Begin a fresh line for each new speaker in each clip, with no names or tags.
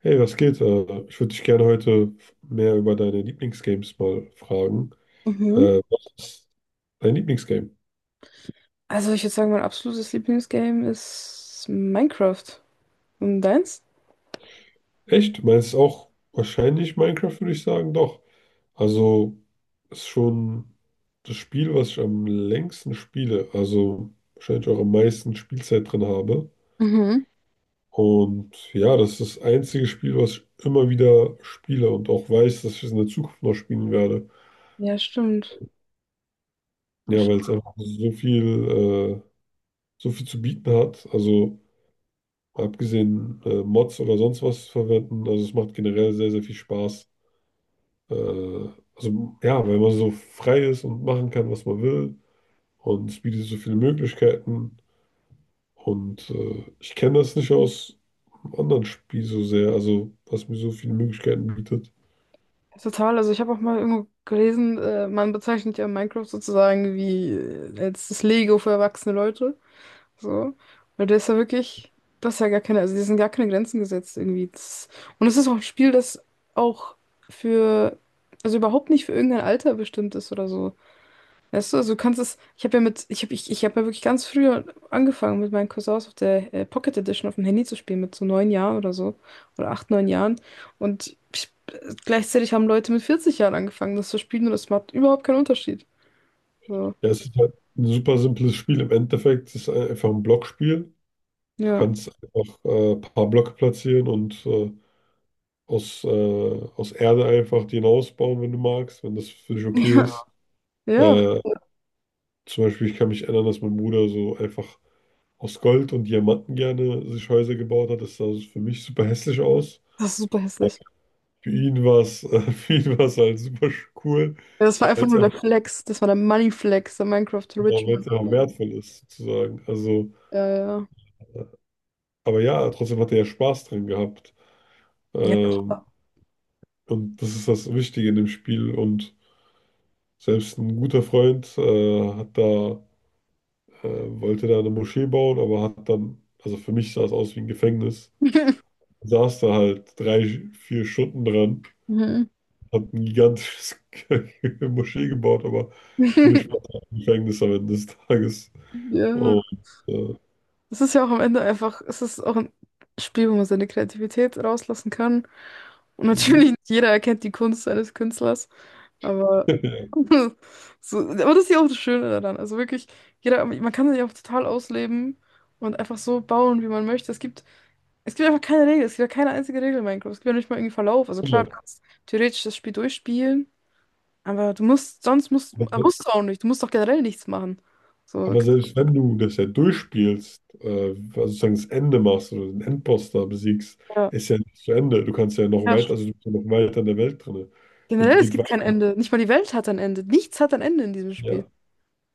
Hey, was geht? Ich würde dich gerne heute mehr über deine Lieblingsgames mal fragen.
Mhm.
Was ist dein Lieblingsgame?
Also ich würde sagen, mein absolutes Lieblingsgame ist Minecraft. Und deins?
Echt? Meinst du auch wahrscheinlich Minecraft, würde ich sagen? Doch. Also ist schon das Spiel, was ich am längsten spiele. Also wahrscheinlich auch am meisten Spielzeit drin habe.
Mhm.
Und ja, das ist das einzige Spiel, was ich immer wieder spiele und auch weiß, dass ich es in der Zukunft noch spielen werde.
Ja, stimmt. Das
Ja, weil
stimmt
es einfach äh, so viel zu bieten hat. Also abgesehen Mods oder sonst was verwenden. Also es macht generell sehr, sehr viel Spaß. Also ja, weil man so frei ist und machen kann, was man will. Und es bietet so viele Möglichkeiten. Und ich kenne das nicht aus einem anderen Spiel so sehr, also was mir so viele Möglichkeiten bietet.
total. Also ich habe auch mal irgendwo gelesen, man bezeichnet ja Minecraft sozusagen wie als das Lego für erwachsene Leute. So. Weil der ist ja wirklich, das ist ja gar keine, also die sind gar keine Grenzen gesetzt irgendwie. Das, und es ist auch ein Spiel, das auch für, also überhaupt nicht für irgendein Alter bestimmt ist oder so. Weißt du, also du kannst es, ich hab ja wirklich ganz früh angefangen mit meinen Cousins auf der Pocket Edition auf dem Handy zu spielen, mit so 9 Jahren oder so. Oder 8, 9 Jahren. Und ich, gleichzeitig haben Leute mit 40 Jahren angefangen, das zu spielen und es macht überhaupt keinen Unterschied. So,
Ja, es ist halt ein super simples Spiel im Endeffekt. Es ist einfach ein Blockspiel. Du
ja.
kannst einfach ein paar Blöcke platzieren und aus, äh, aus Erde einfach den ausbauen, wenn du magst, wenn das für dich okay ist.
Ja, ja,
Äh, Zum Beispiel, ich kann mich erinnern, dass mein Bruder so einfach aus Gold und Diamanten gerne sich Häuser gebaut hat. Das sah so für mich super hässlich aus.
das ist super
Aber
hässlich.
für ihn war es, für ihn war es halt super cool,
Ja, das war
weil
einfach
es
nur der Flex. Das war der Money Flex, der Minecraft Rich Man
einfach
Flex.
wertvoll ist, sozusagen. Also,
Ja,
aber ja, trotzdem hat er ja Spaß dran gehabt.
ja.
Ähm,
Ja.
und das ist das Wichtige in dem Spiel. Und selbst ein guter Freund äh, wollte da eine Moschee bauen, aber hat dann, also für mich sah es aus wie ein Gefängnis. Saß da halt 3, 4 Stunden dran,
Mhm.
hat ein gigantisches Moschee gebaut, aber für mich war das ein Gefängnis am Ende des Tages.
Ja.
Und, äh,
Es ist ja auch am Ende einfach, es ist auch ein Spiel, wo man seine Kreativität rauslassen kann. Und natürlich nicht jeder erkennt die Kunst eines Künstlers, aber, so, aber das ist ja auch das Schöne daran. Also wirklich, jeder, man kann sich auch total ausleben und einfach so bauen, wie man möchte. Es gibt einfach keine Regel, es gibt ja keine einzige Regel in Minecraft. Es gibt ja nicht mal irgendwie Verlauf. Also klar, du
genau.
kannst theoretisch das Spiel durchspielen, aber du musst, sonst musst,
aber, se-
musst du auch nicht. Du musst doch generell nichts machen. So, du
aber
kannst
selbst wenn du das ja durchspielst, also sozusagen das Ende machst oder den Endboss da besiegst,
ja.
ist ja nicht zu Ende. Du kannst ja noch
Ja.
weiter, also du bist ja noch weiter in der Welt drin. Und
Generell,
die
es
geht
gibt kein
weiter.
Ende. Nicht mal die Welt hat ein Ende. Nichts hat ein Ende in diesem Spiel.
Ja,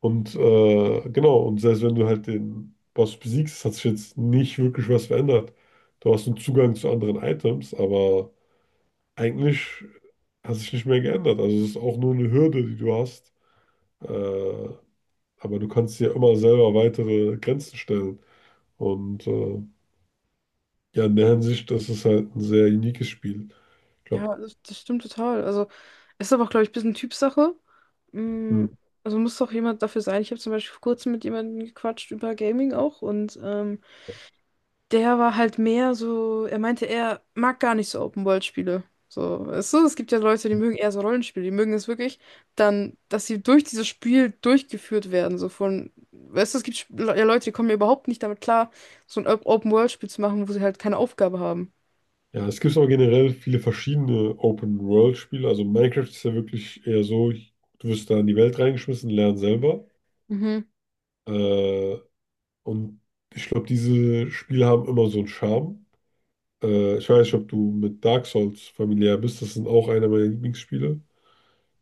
und genau, und selbst wenn du halt den Boss besiegst, hat sich jetzt nicht wirklich was verändert. Du hast einen Zugang zu anderen Items, aber eigentlich hat sich nicht mehr geändert. Also es ist auch nur eine Hürde, die du hast. Äh, aber du kannst dir immer selber weitere Grenzen stellen. Und ja, in der Hinsicht, das ist halt ein sehr uniques Spiel. Ich glaube,
Ja, das stimmt total. Also, es ist aber auch, glaube ich, ein bisschen Typsache. Mm, Also muss doch jemand dafür sein. Ich habe zum Beispiel vor kurzem mit jemandem gequatscht über Gaming auch und der war halt mehr so, er meinte, er mag gar nicht so Open-World-Spiele. So, weißt du, es gibt ja Leute, die mögen eher so Rollenspiele, die mögen es wirklich dann, dass sie durch dieses Spiel durchgeführt werden, so von, weißt du, es gibt ja Leute, die kommen ja überhaupt nicht damit klar, so ein Open-World-Spiel zu machen, wo sie halt keine Aufgabe haben.
ja, es gibt aber generell viele verschiedene Open-World-Spiele. Also Minecraft ist ja wirklich eher so, du wirst da in die Welt reingeschmissen, lern selber.
Mhm.
Äh, und ich glaube, diese Spiele haben immer so einen Charme. Ich weiß nicht, ob du mit Dark Souls familiär bist. Das sind auch einer meiner Lieblingsspiele.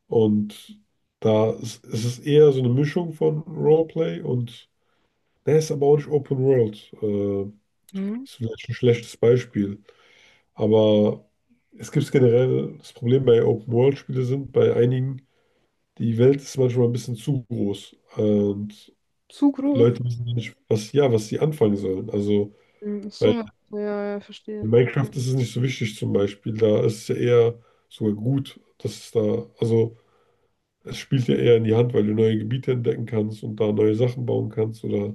Und da ist, es ist eher so eine Mischung von Roleplay und der ist aber auch nicht Open World.
Mhm.
Ist vielleicht ein schlechtes Beispiel. Aber es gibt generell das Problem bei Open World Spiele sind, bei einigen, die Welt ist manchmal ein bisschen zu groß. Und
Zu groß.
Leute wissen nicht, was, ja, was sie anfangen sollen. Also,
Mhm. Ach so,
weil
ja, ja, ja, verstehe.
in Minecraft ist es nicht so wichtig zum Beispiel. Da ist es ja eher sogar gut, dass es da, also es spielt ja eher in die Hand, weil du neue Gebiete entdecken kannst und da neue Sachen bauen kannst oder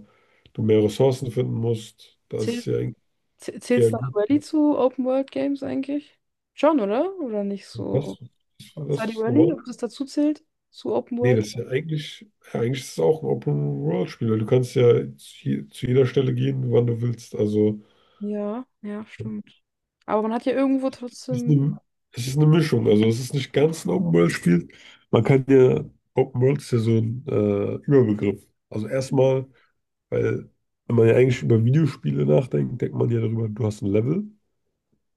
du mehr Ressourcen finden musst. Da ist
Zähl,
es ja eigentlich
zählt
eher
Stardew
gut.
Valley zu Open-World-Games eigentlich? Schon, oder? Oder nicht
Was?
so?
Was
Stardew
ist
Valley,
normal?
ob das dazu zählt? Zu
Nee,
Open-World?
das ist ja, eigentlich ist es auch ein Open-World-Spiel, weil du kannst ja zu jeder Stelle gehen, wann du willst. Also
Ja, ja, stimmt. Aber man hat ja irgendwo
es ist
trotzdem.
es ist eine Mischung, also es ist nicht ganz ein Open-World-Spiel. Man kann ja, Open-World ist ja so ein Überbegriff. Also erstmal, weil wenn man ja eigentlich über Videospiele nachdenkt, denkt man ja darüber, du hast ein Level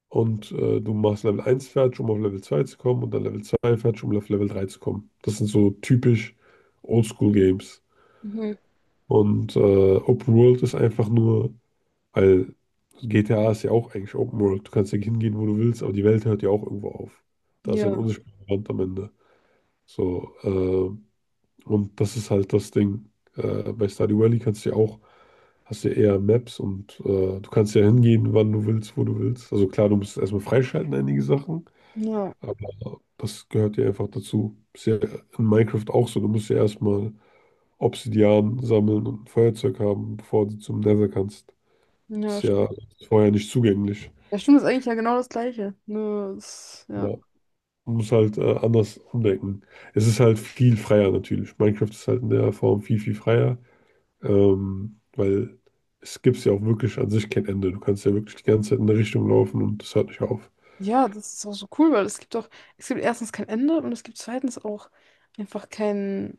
und du machst Level 1 fertig, um auf Level 2 zu kommen und dann Level 2 fertig, um auf Level 3 zu kommen. Das sind so typisch Oldschool-Games.
Mhm.
Und Open-World ist einfach nur weil GTA ist ja auch eigentlich Open World. Du kannst ja hingehen, wo du willst, aber die Welt hört ja auch irgendwo auf. Da ist ja ein
Ja,
unsichtbarer Rand am Ende. So, und das ist halt das Ding. Bei Stardew Valley kannst du ja auch, hast du ja eher Maps und du kannst ja hingehen, wann du willst, wo du willst. Also klar, du musst erstmal freischalten, einige Sachen,
ja,
aber das gehört ja einfach dazu. Ist ja in Minecraft auch so. Du musst ja erstmal Obsidian sammeln und ein Feuerzeug haben, bevor du zum Nether kannst.
ja,
Ist ja
stimmt.
vorher nicht zugänglich.
Ja, stimmt, ist eigentlich ja genau das Gleiche. Nur, es- ja.
Ja, man muss halt anders umdenken. Es ist halt viel freier natürlich. Minecraft ist halt in der Form viel, viel freier, weil es gibt ja auch wirklich an sich kein Ende. Du kannst ja wirklich die ganze Zeit in eine Richtung laufen und das hört nicht auf.
Ja, das ist auch so cool, weil es gibt doch, es gibt erstens kein Ende und es gibt zweitens auch einfach kein,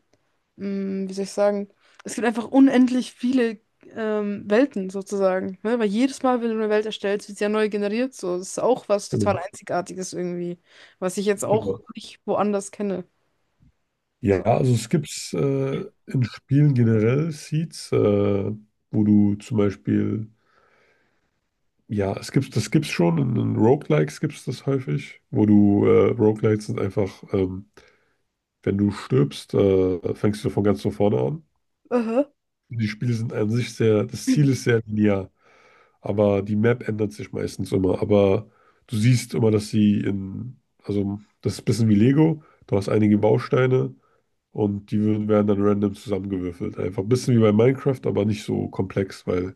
wie soll ich sagen, es gibt einfach unendlich viele Welten sozusagen. Ne? Weil jedes Mal, wenn du eine Welt erstellst, wird sie ja neu generiert. So, das ist auch was total
Genau.
Einzigartiges irgendwie, was ich jetzt auch
Genau.
nicht woanders kenne.
Ja,
So.
also es gibt in Spielen generell Seeds, wo du zum Beispiel, ja, es gibt, das gibt's schon, in Roguelikes gibt es das häufig, Roguelikes sind einfach, wenn du stirbst, fängst du von ganz von vorne an.
Aha.
Die Spiele sind an sich sehr, das Ziel ist sehr linear, aber die Map ändert sich meistens immer. Aber du siehst immer, dass sie in, also das ist ein bisschen wie Lego, du hast einige Bausteine und die werden dann random zusammengewürfelt. Einfach ein bisschen wie bei Minecraft, aber nicht so komplex, weil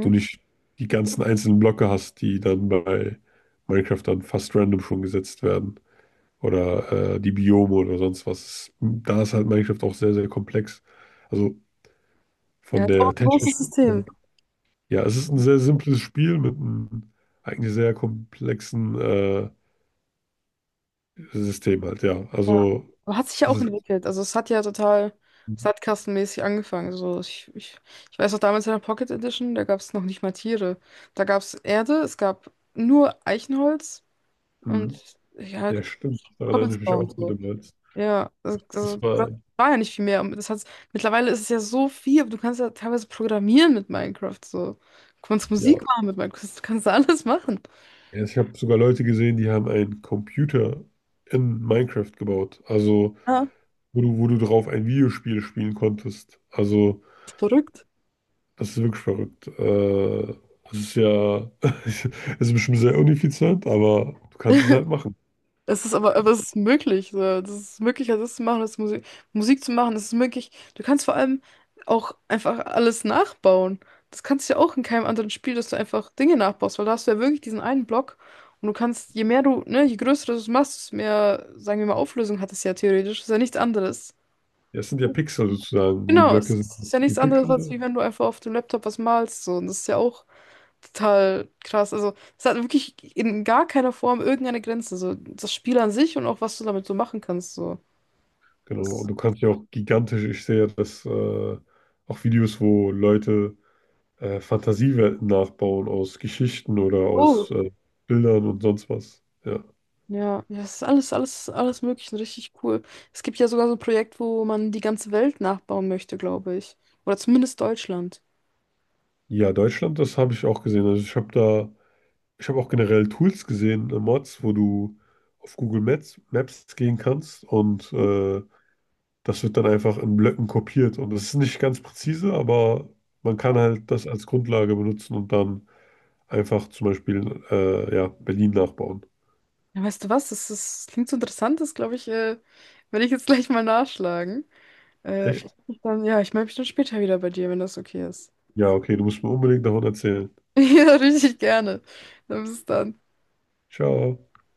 du nicht die ganzen einzelnen Blöcke hast, die dann bei Minecraft dann fast random schon gesetzt werden. Oder die Biome oder sonst was. Da ist halt Minecraft auch sehr, sehr komplex. Also
Ja,
von
ist auch
der
ein großes
technischen.
System.
Ja, es ist ein sehr simples Spiel mit einem eigentlich sehr komplexen System halt, ja.
Ja.
Also
Aber hat sich ja
es
auch
ist,
entwickelt. Also es hat ja total sandkastenmäßig angefangen. So, ich weiß noch damals in der Pocket Edition, da gab es noch nicht mal Tiere. Da gab es Erde, es gab nur Eichenholz und
ein-
ja,
ja stimmt, daran erinnere ich mich
Cobblestone und
auch mit
so.
dem Holz.
Ja,
Das
das
war,
war ja nicht viel mehr. Und mittlerweile ist es ja so viel, aber du kannst ja teilweise programmieren mit Minecraft. So. Du kannst
ja,
Musik machen mit Minecraft, du kannst alles machen.
ja, ich habe sogar Leute gesehen, die haben einen Computer in Minecraft gebaut, also
Ja,
wo du drauf ein Videospiel spielen konntest. Also
verrückt.
das ist wirklich verrückt. Das ist ja, es ist bestimmt sehr ineffizient, aber du kannst es halt machen.
Es ist aber es ist möglich. So. Das ist möglich, also das zu machen, das Musik zu machen, das ist möglich. Du kannst vor allem auch einfach alles nachbauen. Das kannst du ja auch in keinem anderen Spiel, dass du einfach Dinge nachbaust, weil da hast du ja wirklich diesen einen Block und du kannst, je mehr du, ne, je größer du es machst, desto mehr, sagen wir mal, Auflösung hat es ja theoretisch. Ist ja nichts anderes.
Ja, es sind ja Pixel sozusagen. Die
Genau, es
Blöcke sind
ist ja
wie
nichts anderes,
Pixel,
als
ne?
wie wenn du einfach auf dem Laptop was malst. So. Und das ist ja auch total krass. Also, es hat wirklich in gar keiner Form irgendeine Grenze. So, das Spiel an sich und auch was du damit so machen kannst. So.
Genau. Und
Es,
du kannst ja auch gigantisch, ich sehe ja das, auch Videos, wo Leute Fantasiewelten nachbauen aus Geschichten oder
oh.
aus Bildern und sonst was. Ja.
Ja, ja, es ist alles, alles, alles möglich richtig cool. Es gibt ja sogar so ein Projekt, wo man die ganze Welt nachbauen möchte, glaube ich. Oder zumindest Deutschland.
Ja, Deutschland, das habe ich auch gesehen. Also ich habe auch generell Tools gesehen, Mods, wo du auf Google Maps gehen kannst und das wird dann einfach in Blöcken kopiert. Und das ist nicht ganz präzise, aber man kann halt das als Grundlage benutzen und dann einfach zum Beispiel, ja, Berlin nachbauen.
Ja, weißt du was? Das, ist, das klingt so interessant, das glaube ich, werde ich jetzt gleich mal nachschlagen. Ich
Echt?
meld mich dann, ja, ich melde mich dann später wieder bei dir, wenn das okay ist.
Ja, okay, du musst mir unbedingt davon erzählen.
Ja, richtig gerne. Dann bis dann.
Ciao.